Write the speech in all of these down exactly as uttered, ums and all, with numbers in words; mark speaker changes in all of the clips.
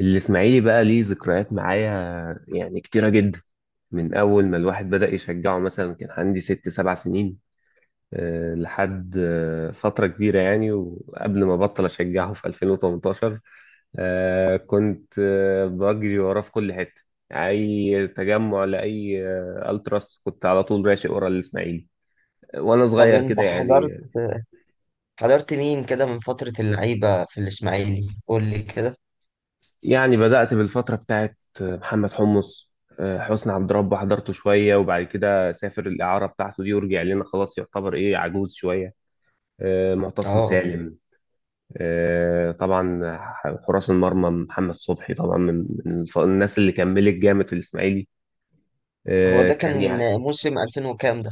Speaker 1: الإسماعيلي بقى ليه ذكريات معايا يعني كتيرة جدا. من أول ما الواحد بدأ يشجعه مثلا كان عندي ست سبع سنين، آه، لحد آه، فترة كبيرة يعني، وقبل ما بطل أشجعه في ألفين وتمنتاشر. آه، كنت آه، بجري وراه في كل حتة، أي تجمع لأي آه، ألتراس كنت على طول راشق ورا الإسماعيلي وأنا
Speaker 2: طب
Speaker 1: صغير
Speaker 2: انت
Speaker 1: كده
Speaker 2: حضرت
Speaker 1: يعني
Speaker 2: حضرت مين كده من فترة اللعيبة في الإسماعيلي قول لي كده.
Speaker 1: يعني بدأت بالفترة بتاعت محمد حمص. آه، حسني عبد ربه حضرته شوية، وبعد كده سافر الإعارة بتاعته دي ورجع لنا خلاص يعتبر إيه عجوز شوية. آه، معتصم
Speaker 2: اه،
Speaker 1: سالم، آه، طبعا. حراس المرمى محمد صبحي طبعا، من من الف- الناس اللي كملت جامد في الإسماعيلي،
Speaker 2: هو
Speaker 1: آه،
Speaker 2: ده
Speaker 1: كان
Speaker 2: كان
Speaker 1: يعني.
Speaker 2: موسم ألفين وكام؟ ده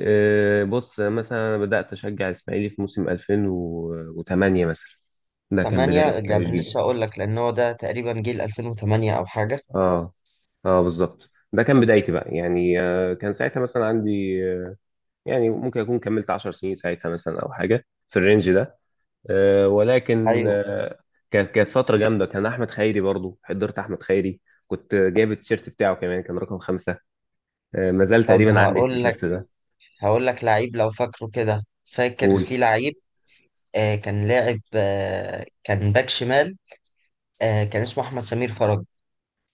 Speaker 1: آه، بص مثلا أنا بدأت أشجع الإسماعيلي في موسم ألفين وثمانية مثلا، ده كان
Speaker 2: ثمانية
Speaker 1: بداية
Speaker 2: يعني.
Speaker 1: تشجيعي.
Speaker 2: لسه هقول لك، لأن هو ده تقريبا جيل ألفين وثمانية أو حاجة.
Speaker 1: اه، اه، بالظبط، ده كان بدايتي بقى يعني. آه، كان ساعتها مثلا عندي، آه، يعني ممكن اكون كملت عشر سنين ساعتها مثلا او حاجه في الرينج ده. آه، ولكن
Speaker 2: أيوه.
Speaker 1: آه، كانت كانت فتره جامده، كان احمد خيري برضو، حضرت احمد خيري، كنت جايب التيشيرت بتاعه كمان، كان رقم خمسة. آه، ما زال
Speaker 2: طب
Speaker 1: تقريبا عندي
Speaker 2: هقول لك
Speaker 1: التيشيرت ده.
Speaker 2: هقول لك لعيب لو فاكره كده. فاكر
Speaker 1: قول.
Speaker 2: في لعيب آه كان لاعب، آه كان باك شمال، آه كان اسمه أحمد سمير فرج،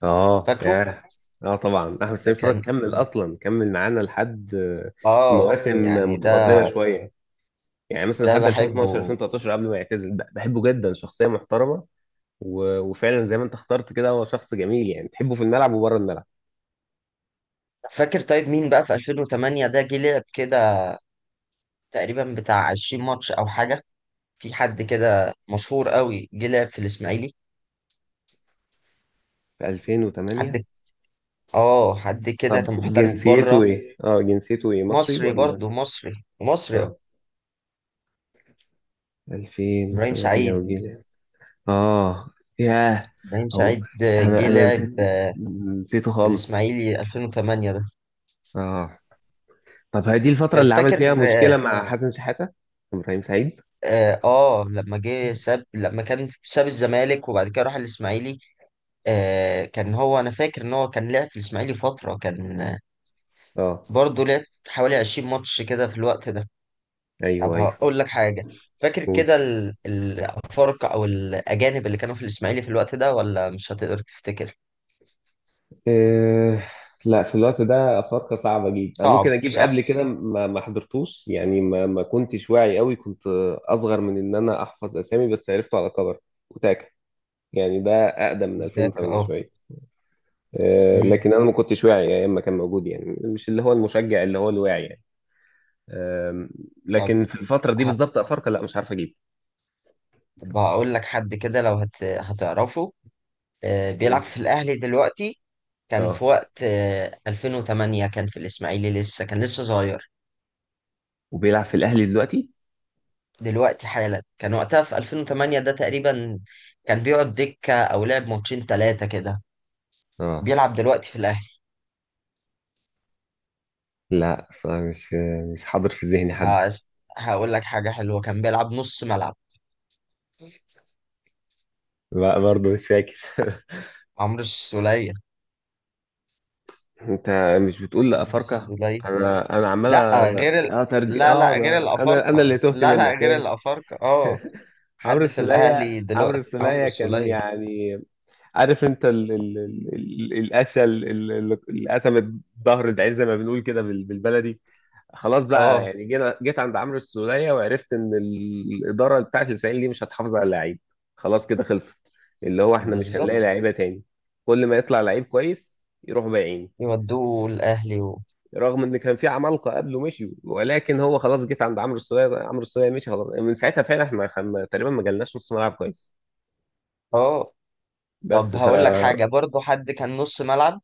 Speaker 1: اه،
Speaker 2: فاكره؟
Speaker 1: ياه. اه، طبعا احمد
Speaker 2: ده
Speaker 1: سمير فرج
Speaker 2: كان،
Speaker 1: كمل، اصلا كمل معانا لحد آه،
Speaker 2: اه
Speaker 1: مواسم
Speaker 2: يعني ده
Speaker 1: متقدمه شويه، يعني مثلا
Speaker 2: ده
Speaker 1: لحد ألفين واتناشر
Speaker 2: بحبه.
Speaker 1: ألفين وثلاثة عشر قبل ما يعتزل. بحبه جدا، شخصيه محترمه، و- وفعلا زي ما انت اخترت كده هو شخص جميل يعني تحبه في الملعب وبره الملعب.
Speaker 2: فاكر طيب مين بقى في ألفين وثمانية ده جه لعب كده تقريبا بتاع عشرين ماتش او حاجه؟ في حد كده مشهور قوي جه لعب في الاسماعيلي؟
Speaker 1: في ألفين وثمانية.
Speaker 2: حد اه حد كده
Speaker 1: طب
Speaker 2: كان محترف
Speaker 1: جنسيته
Speaker 2: بره.
Speaker 1: ايه؟ اه، جنسيته ايه؟ مصري
Speaker 2: مصري،
Speaker 1: ولا...
Speaker 2: برضه مصري مصري.
Speaker 1: اه.
Speaker 2: ابراهيم
Speaker 1: ألفين وتمانية
Speaker 2: سعيد.
Speaker 1: وجنيه. اه، ياه،
Speaker 2: ابراهيم
Speaker 1: او،
Speaker 2: سعيد آه،
Speaker 1: انا
Speaker 2: جه
Speaker 1: انا
Speaker 2: لعب
Speaker 1: نسيت،
Speaker 2: آه،
Speaker 1: نسيته
Speaker 2: في
Speaker 1: خالص.
Speaker 2: الاسماعيلي ألفين وثمانية ده.
Speaker 1: اه. طب هي دي الفترة
Speaker 2: طيب
Speaker 1: اللي عمل
Speaker 2: فاكر.
Speaker 1: فيها مشكلة مع حسن شحاتة؟ ابراهيم سعيد؟
Speaker 2: اه آه، لما جه ساب لما كان ساب الزمالك وبعد كده راح الاسماعيلي. آه كان هو، انا فاكر ان هو كان لعب في الاسماعيلي فتره، كان آه،
Speaker 1: اه،
Speaker 2: برضه لعب حوالي عشرين ماتش كده في الوقت ده.
Speaker 1: ايوه
Speaker 2: طب
Speaker 1: ايوه.
Speaker 2: هقول لك حاجة. فاكر
Speaker 1: قول.
Speaker 2: كده ال- الأفارقة أو الأجانب اللي كانوا في الإسماعيلي في الوقت ده، ولا مش هتقدر تفتكر؟
Speaker 1: إيه. لا، في الوقت ده افارقه صعبه جدا، انا ممكن
Speaker 2: صعب،
Speaker 1: اجيب
Speaker 2: صح؟
Speaker 1: قبل كده ما ما حضرتوش، يعني ما ما كنتش واعي قوي، كنت اصغر من ان انا احفظ اسامي، بس عرفته على كبر، وتاكا، يعني ده اقدم من
Speaker 2: فاكر؟
Speaker 1: ألفين وتمانية
Speaker 2: أه.
Speaker 1: شويه. إيه،
Speaker 2: أمم.
Speaker 1: لكن انا ما كنتش واعي ايام ما كان موجود، يعني مش اللي هو المشجع اللي هو الواعي يعني. أم،
Speaker 2: طب
Speaker 1: لكن في الفتره دي
Speaker 2: ه-
Speaker 1: بالظبط افارقه، لا، مش عارف اجيب.
Speaker 2: طب هقول لك حد كده لو هت... هتعرفه. آه، بيلعب
Speaker 1: قول.
Speaker 2: في الأهلي دلوقتي، كان في
Speaker 1: اه،
Speaker 2: وقت آه، ألفين وثمانية كان في الإسماعيلي، لسه كان لسه صغير.
Speaker 1: وبيلعب في الاهلي دلوقتي؟
Speaker 2: دلوقتي حالا، كان وقتها في ألفين وثمانية ده تقريبا كان بيقعد دكة أو لعب ماتشين تلاتة كده.
Speaker 1: اه،
Speaker 2: بيلعب دلوقتي في الأهلي.
Speaker 1: لا صراحة مش مش حاضر في ذهني حد.
Speaker 2: هس- هقول لك حاجة حلوة، كان بيلعب نص ملعب.
Speaker 1: لا، برضه مش فاكر
Speaker 2: عمرو السولية.
Speaker 1: انت مش بتقول لا
Speaker 2: عمرو
Speaker 1: افارقه؟
Speaker 2: السولية.
Speaker 1: انا انا عمال...
Speaker 2: لا غير ال...
Speaker 1: انا ترج...
Speaker 2: لا
Speaker 1: اه
Speaker 2: لا، غير
Speaker 1: انا انا انا
Speaker 2: الأفارقة.
Speaker 1: اللي تهت
Speaker 2: لا لا،
Speaker 1: منك،
Speaker 2: غير
Speaker 1: ماشي.
Speaker 2: الأفارقة، اه.
Speaker 1: عمرو
Speaker 2: حد في الأهلي
Speaker 1: السولية عمرو
Speaker 2: دلوقتي، عمرو
Speaker 1: السولية كان
Speaker 2: السولية.
Speaker 1: يعني، عارف انت ال... ال... ال... ال- القشه ال- ال- اللي قسمت ظهر الدعير زي ما بنقول كده بال... بالبلدي. خلاص بقى،
Speaker 2: اه،
Speaker 1: يعني جينا جيت عند عمرو السولية وعرفت ان ال- الاداره بتاعت الاسماعيلي دي مش هتحافظ على اللعيب. خلاص كده خلصت، اللي هو احنا مش
Speaker 2: بالظبط،
Speaker 1: هنلاقي لعيبه تاني، كل ما يطلع لعيب كويس يروحوا بايعين.
Speaker 2: يودوه الأهلي و...
Speaker 1: رغم ان كان في عمالقه قبله مشيوا، ولكن هو خلاص جيت عند عمرو السولية، عمرو السولية مشي خلاص من ساعتها، فعلا احنا خم... تقريبا ما جالناش نص ملعب كويس.
Speaker 2: اه طب
Speaker 1: بس ف
Speaker 2: هقول لك حاجة برضو، حد كان نص ملعب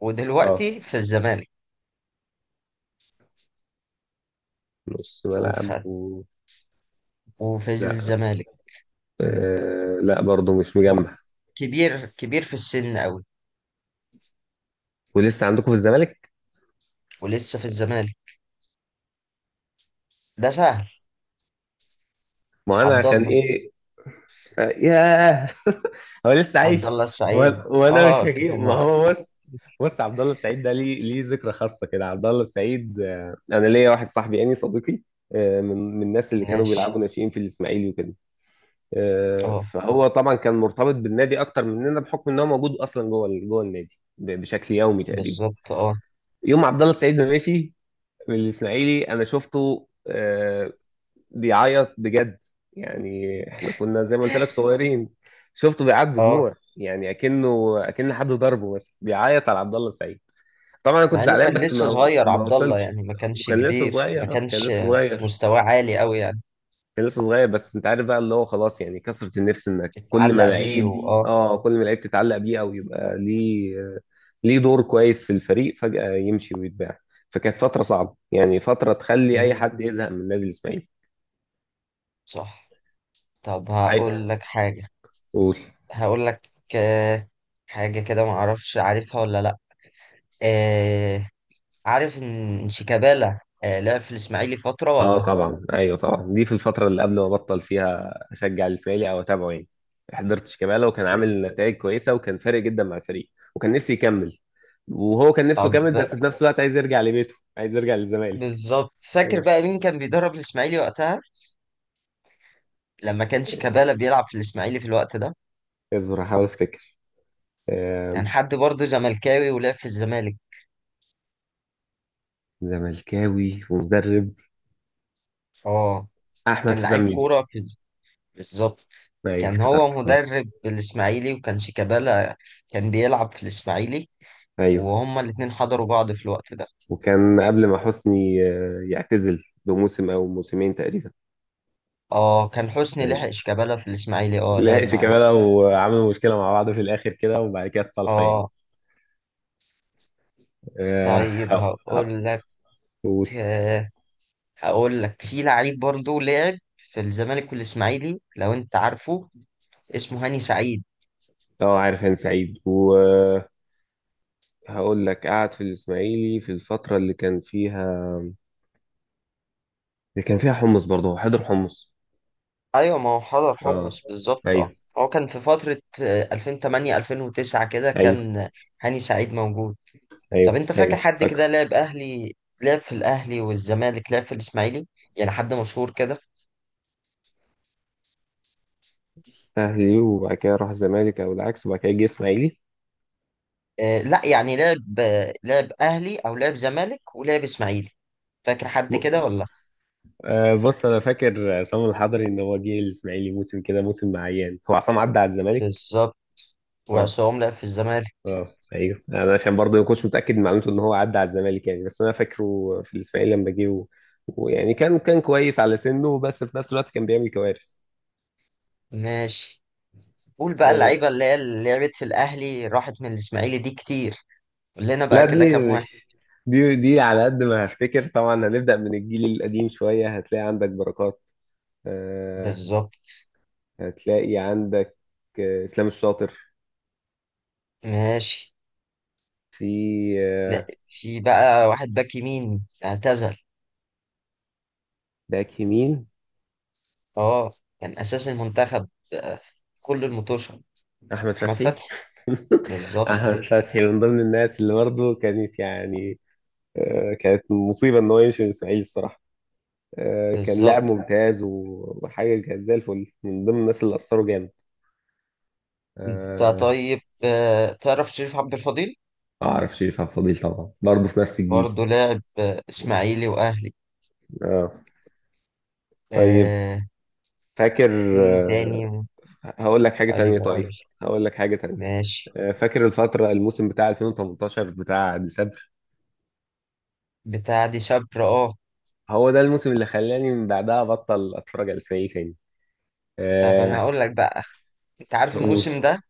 Speaker 2: ودلوقتي
Speaker 1: اه،
Speaker 2: في الزمالك.
Speaker 1: نص
Speaker 2: وفي
Speaker 1: ملعب و...
Speaker 2: وفي
Speaker 1: لا،
Speaker 2: الزمالك.
Speaker 1: آه... لا برضه مش
Speaker 2: هو
Speaker 1: مجمع.
Speaker 2: كبير كبير في السن أوي،
Speaker 1: ولسه عندكم في الزمالك؟
Speaker 2: ولسه في الزمالك. ده سهل.
Speaker 1: ما انا
Speaker 2: عبد
Speaker 1: عشان
Speaker 2: الله
Speaker 1: ايه؟ ياه هو لسه
Speaker 2: عبد
Speaker 1: عايش؟
Speaker 2: الله السعيد.
Speaker 1: و- وانا مش
Speaker 2: اه
Speaker 1: هجيب،
Speaker 2: كان،
Speaker 1: ما هو بص. بص، عبد الله السعيد ده ليه ليه ذكرى خاصه كده. عبد الله السعيد، آه، انا ليا واحد صاحبي يعني صديقي، آه، من من الناس اللي كانوا
Speaker 2: وقتناش.
Speaker 1: بيلعبوا ناشئين في الاسماعيلي وكده. آه،
Speaker 2: اه،
Speaker 1: فهو طبعا كان مرتبط بالنادي اكتر مننا، بحكم ان هو موجود اصلا جوه ال- جوه النادي ب- بشكل يومي تقريبا.
Speaker 2: بالظبط، اه
Speaker 1: يوم عبد الله السعيد ما مشي من الاسماعيلي، انا شفته آه، بيعيط بجد، يعني احنا كنا زي ما قلت لك صغيرين، شفته بيعيط
Speaker 2: اه.
Speaker 1: بدموع، يعني اكنه اكن حد ضربه مثلا، بيعيط على عبد الله السعيد. طبعا انا كنت
Speaker 2: مع انه
Speaker 1: زعلان
Speaker 2: كان
Speaker 1: بس
Speaker 2: لسه
Speaker 1: ما
Speaker 2: صغير،
Speaker 1: ما
Speaker 2: عبد الله
Speaker 1: وصلش،
Speaker 2: يعني، ما كانش
Speaker 1: وكان لسه
Speaker 2: كبير. ما
Speaker 1: صغير. آه، كان
Speaker 2: كانش
Speaker 1: لسه صغير،
Speaker 2: مستواه عالي قوي يعني.
Speaker 1: كان لسه صغير، بس انت عارف بقى اللي هو خلاص، يعني كثرة النفس انك كل ما
Speaker 2: اتعلق بيه،
Speaker 1: لعيب
Speaker 2: واه.
Speaker 1: اه كل ما لعيب تتعلق بيه، او يبقى ليه ليه دور كويس في الفريق، فجأة يمشي ويتباع. فكانت فترة صعبة، يعني فترة تخلي اي
Speaker 2: مم،
Speaker 1: حد يزهق من نادي الاسماعيلي.
Speaker 2: صح. طب
Speaker 1: عادي.
Speaker 2: هقول لك حاجة.
Speaker 1: قول.
Speaker 2: هقول لك آه، حاجة كده، ما اعرفش عارفها ولا لا. آه، عارف ان شيكابالا آه لعب في الاسماعيلي فترة
Speaker 1: اه
Speaker 2: ولا؟
Speaker 1: طبعا، ايوه طبعا، دي في الفتره اللي قبل ما بطل فيها اشجع الاسماعيلي او اتابعه يعني. حضرت شيكابالا، وكان عامل نتائج كويسه وكان فارق جدا مع الفريق، وكان نفسي يكمل، وهو كان نفسه
Speaker 2: طب
Speaker 1: يكمل، بس في نفس الوقت عايز يرجع لبيته، عايز يرجع للزمالك.
Speaker 2: بالظبط، فاكر
Speaker 1: آه،
Speaker 2: بقى مين كان بيدرب الاسماعيلي وقتها؟ لما كان شيكابالا بيلعب في الاسماعيلي في الوقت ده.
Speaker 1: اصبر هحاول افتكر. آه،
Speaker 2: كان حد برضه زملكاوي، ولعب في الزمالك.
Speaker 1: زملكاوي ومدرب،
Speaker 2: اه، كان
Speaker 1: احمد حسام
Speaker 2: لعيب
Speaker 1: ميدو.
Speaker 2: كوره في الز- بالظبط.
Speaker 1: ايوه
Speaker 2: كان
Speaker 1: افتكرت
Speaker 2: هو
Speaker 1: خلاص.
Speaker 2: مدرب الاسماعيلي، وكان شيكابالا كان بيلعب في الاسماعيلي،
Speaker 1: ايوه،
Speaker 2: وهما الاتنين حضروا بعض في الوقت ده.
Speaker 1: وكان قبل ما حسني آه، يعتزل بموسم او موسمين تقريبا.
Speaker 2: اه، كان حسني
Speaker 1: كان
Speaker 2: لحق شيكابالا في الاسماعيلي، اه لعب
Speaker 1: لحقش
Speaker 2: معاه.
Speaker 1: كمالة، وعملوا مشكلة مع بعض في الآخر كده، وبعد كده اتصالحوا يعني.
Speaker 2: اه.
Speaker 1: آه،
Speaker 2: طيب
Speaker 1: أه أه.
Speaker 2: هقول لك
Speaker 1: قول.
Speaker 2: آه، هقول لك في لعيب برضه لعب في الزمالك والاسماعيلي، لو انت عارفه. اسمه هاني سعيد.
Speaker 1: أه، عارف هاني سعيد، وهقول لك قعد في الإسماعيلي في الفترة اللي كان فيها، اللي كان فيها حمص برضه، هو حضر حمص.
Speaker 2: ايوه، ما هو حضر
Speaker 1: أه،
Speaker 2: حمص، بالظبط، اه.
Speaker 1: أيوه
Speaker 2: هو كان في فترة آه، ألفين وتمنية ألفين وتسعة كده،
Speaker 1: أيوه
Speaker 2: كان هاني سعيد موجود. طب
Speaker 1: أيوه
Speaker 2: انت فاكر
Speaker 1: أيوه
Speaker 2: حد
Speaker 1: فاكره.
Speaker 2: كده لعب اهلي، لعب في الاهلي والزمالك، لعب في الاسماعيلي؟ يعني حد مشهور كده.
Speaker 1: أهلي وبعد كده راح الزمالك أو العكس، وبعد كده جه إسماعيلي.
Speaker 2: آه لا، يعني لعب آه، لعب اهلي او لعب زمالك ولعب اسماعيلي. فاكر حد
Speaker 1: ب-
Speaker 2: كده ولا؟
Speaker 1: آه، بص أنا فاكر عصام الحضري إن هو جه الإسماعيلي موسم كده، موسم معين، هو عصام عدى على الزمالك.
Speaker 2: بالظبط.
Speaker 1: أه،
Speaker 2: وعصام لعب في الزمالك.
Speaker 1: اه ايوه، يعني انا عشان برضه ما كنتش متاكد من معلومته ان هو عدى على الزمالك يعني، بس انا فاكره في الاسماعيلي لما جه. و- ويعني كان كان كويس على سنه، بس في نفس الوقت كان بيعمل كوارث.
Speaker 2: ماشي. قول بقى،
Speaker 1: آه،
Speaker 2: اللعيبة اللي هي اللي لعبت في الاهلي راحت من الاسماعيلي دي كتير. قول لنا بقى
Speaker 1: لا،
Speaker 2: كده
Speaker 1: دي
Speaker 2: كام واحد.
Speaker 1: مش دي دي على قد ما هفتكر، طبعا هنبدا من الجيل القديم شويه، هتلاقي عندك بركات. آه،
Speaker 2: بالظبط.
Speaker 1: هتلاقي عندك آه، اسلام الشاطر.
Speaker 2: ماشي.
Speaker 1: في
Speaker 2: لا،
Speaker 1: آه،
Speaker 2: في بقى واحد باك يمين اعتزل.
Speaker 1: باك يمين،
Speaker 2: اه كان اساس المنتخب آه، كل المطوشة.
Speaker 1: احمد
Speaker 2: احمد
Speaker 1: فتحي
Speaker 2: فتحي. بالظبط،
Speaker 1: احمد فتحي من ضمن الناس اللي برضه كانت يعني آه، كانت مصيبة إن هو يمشي من الإسماعيلي الصراحة. آه، كان لاعب
Speaker 2: بالظبط.
Speaker 1: ممتاز، و- وحاجة كانت زي الفل، من ضمن الناس اللي أثروا جامد.
Speaker 2: انت
Speaker 1: آه،
Speaker 2: طيب آه، تعرف شريف عبد الفضيل؟
Speaker 1: ما أعرفش، يفهم فضيل طبعا برضه في نفس الجيل.
Speaker 2: برضه لاعب آه، اسماعيلي واهلي.
Speaker 1: آه. طيب،
Speaker 2: آه،
Speaker 1: فاكر.
Speaker 2: في مين
Speaker 1: آه،
Speaker 2: تاني؟
Speaker 1: هقول لك حاجة
Speaker 2: علي
Speaker 1: تانية
Speaker 2: اقول.
Speaker 1: طيب هقول لك حاجة تانية.
Speaker 2: ماشي.
Speaker 1: آه، فاكر الفترة الموسم بتاع ألفين وتمنتاشر بتاع ديسمبر،
Speaker 2: بتاع دي شبر، اه.
Speaker 1: هو ده الموسم اللي خلاني من بعدها أبطل أتفرج على الإسماعيلي تاني.
Speaker 2: طب انا
Speaker 1: آه،
Speaker 2: هقول لك بقى. انت عارف
Speaker 1: قول.
Speaker 2: الموسم ده،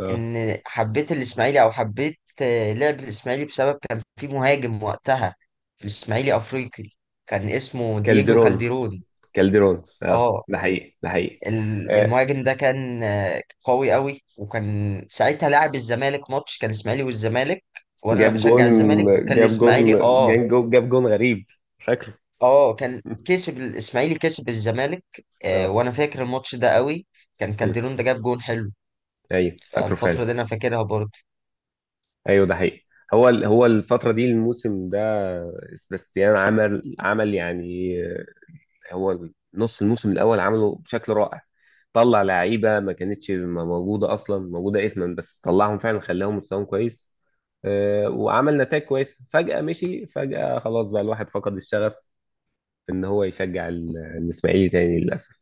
Speaker 1: آه.
Speaker 2: ان حبيت الاسماعيلي او حبيت آه، لعب الاسماعيلي بسبب كان في مهاجم وقتها في الاسماعيلي افريقي، كان اسمه دييجو
Speaker 1: كالدرون،
Speaker 2: كالديرون.
Speaker 1: كالدرون، اه،
Speaker 2: اه،
Speaker 1: ده حقيقي ده حقيقي.
Speaker 2: ال-
Speaker 1: آه،
Speaker 2: المهاجم ده كان آه، قوي قوي، وكان ساعتها لاعب الزمالك ماتش كان الاسماعيلي والزمالك، وانا
Speaker 1: جاب جون،
Speaker 2: بشجع الزمالك وكان
Speaker 1: جاب جون،
Speaker 2: الاسماعيلي اه.
Speaker 1: جاب جون، جاب جون غريب، فاكره
Speaker 2: اه كان كسب الاسماعيلي، كسب الزمالك. آه،
Speaker 1: اه،
Speaker 2: وانا فاكر الماتش ده قوي. كان
Speaker 1: مم.
Speaker 2: كالديرون ده جاب جون حلو.
Speaker 1: ايوه فاكره
Speaker 2: فالفترة
Speaker 1: فعلا،
Speaker 2: دي انا فاكرها برضه.
Speaker 1: ايوه ده حقيقي. هو ال- هو الفترة دي، الموسم ده سباستيان عمل عمل يعني، آه، هو نص الموسم الأول عمله بشكل رائع، طلع لعيبة ما كانتش موجودة، أصلا موجودة اسما بس طلعهم فعلا، خلاهم مستواهم كويس. آه، وعمل نتائج كويسة، فجأة مشي، فجأة خلاص بقى الواحد فقد الشغف إن هو يشجع ال- الإسماعيلي تاني، للأسف.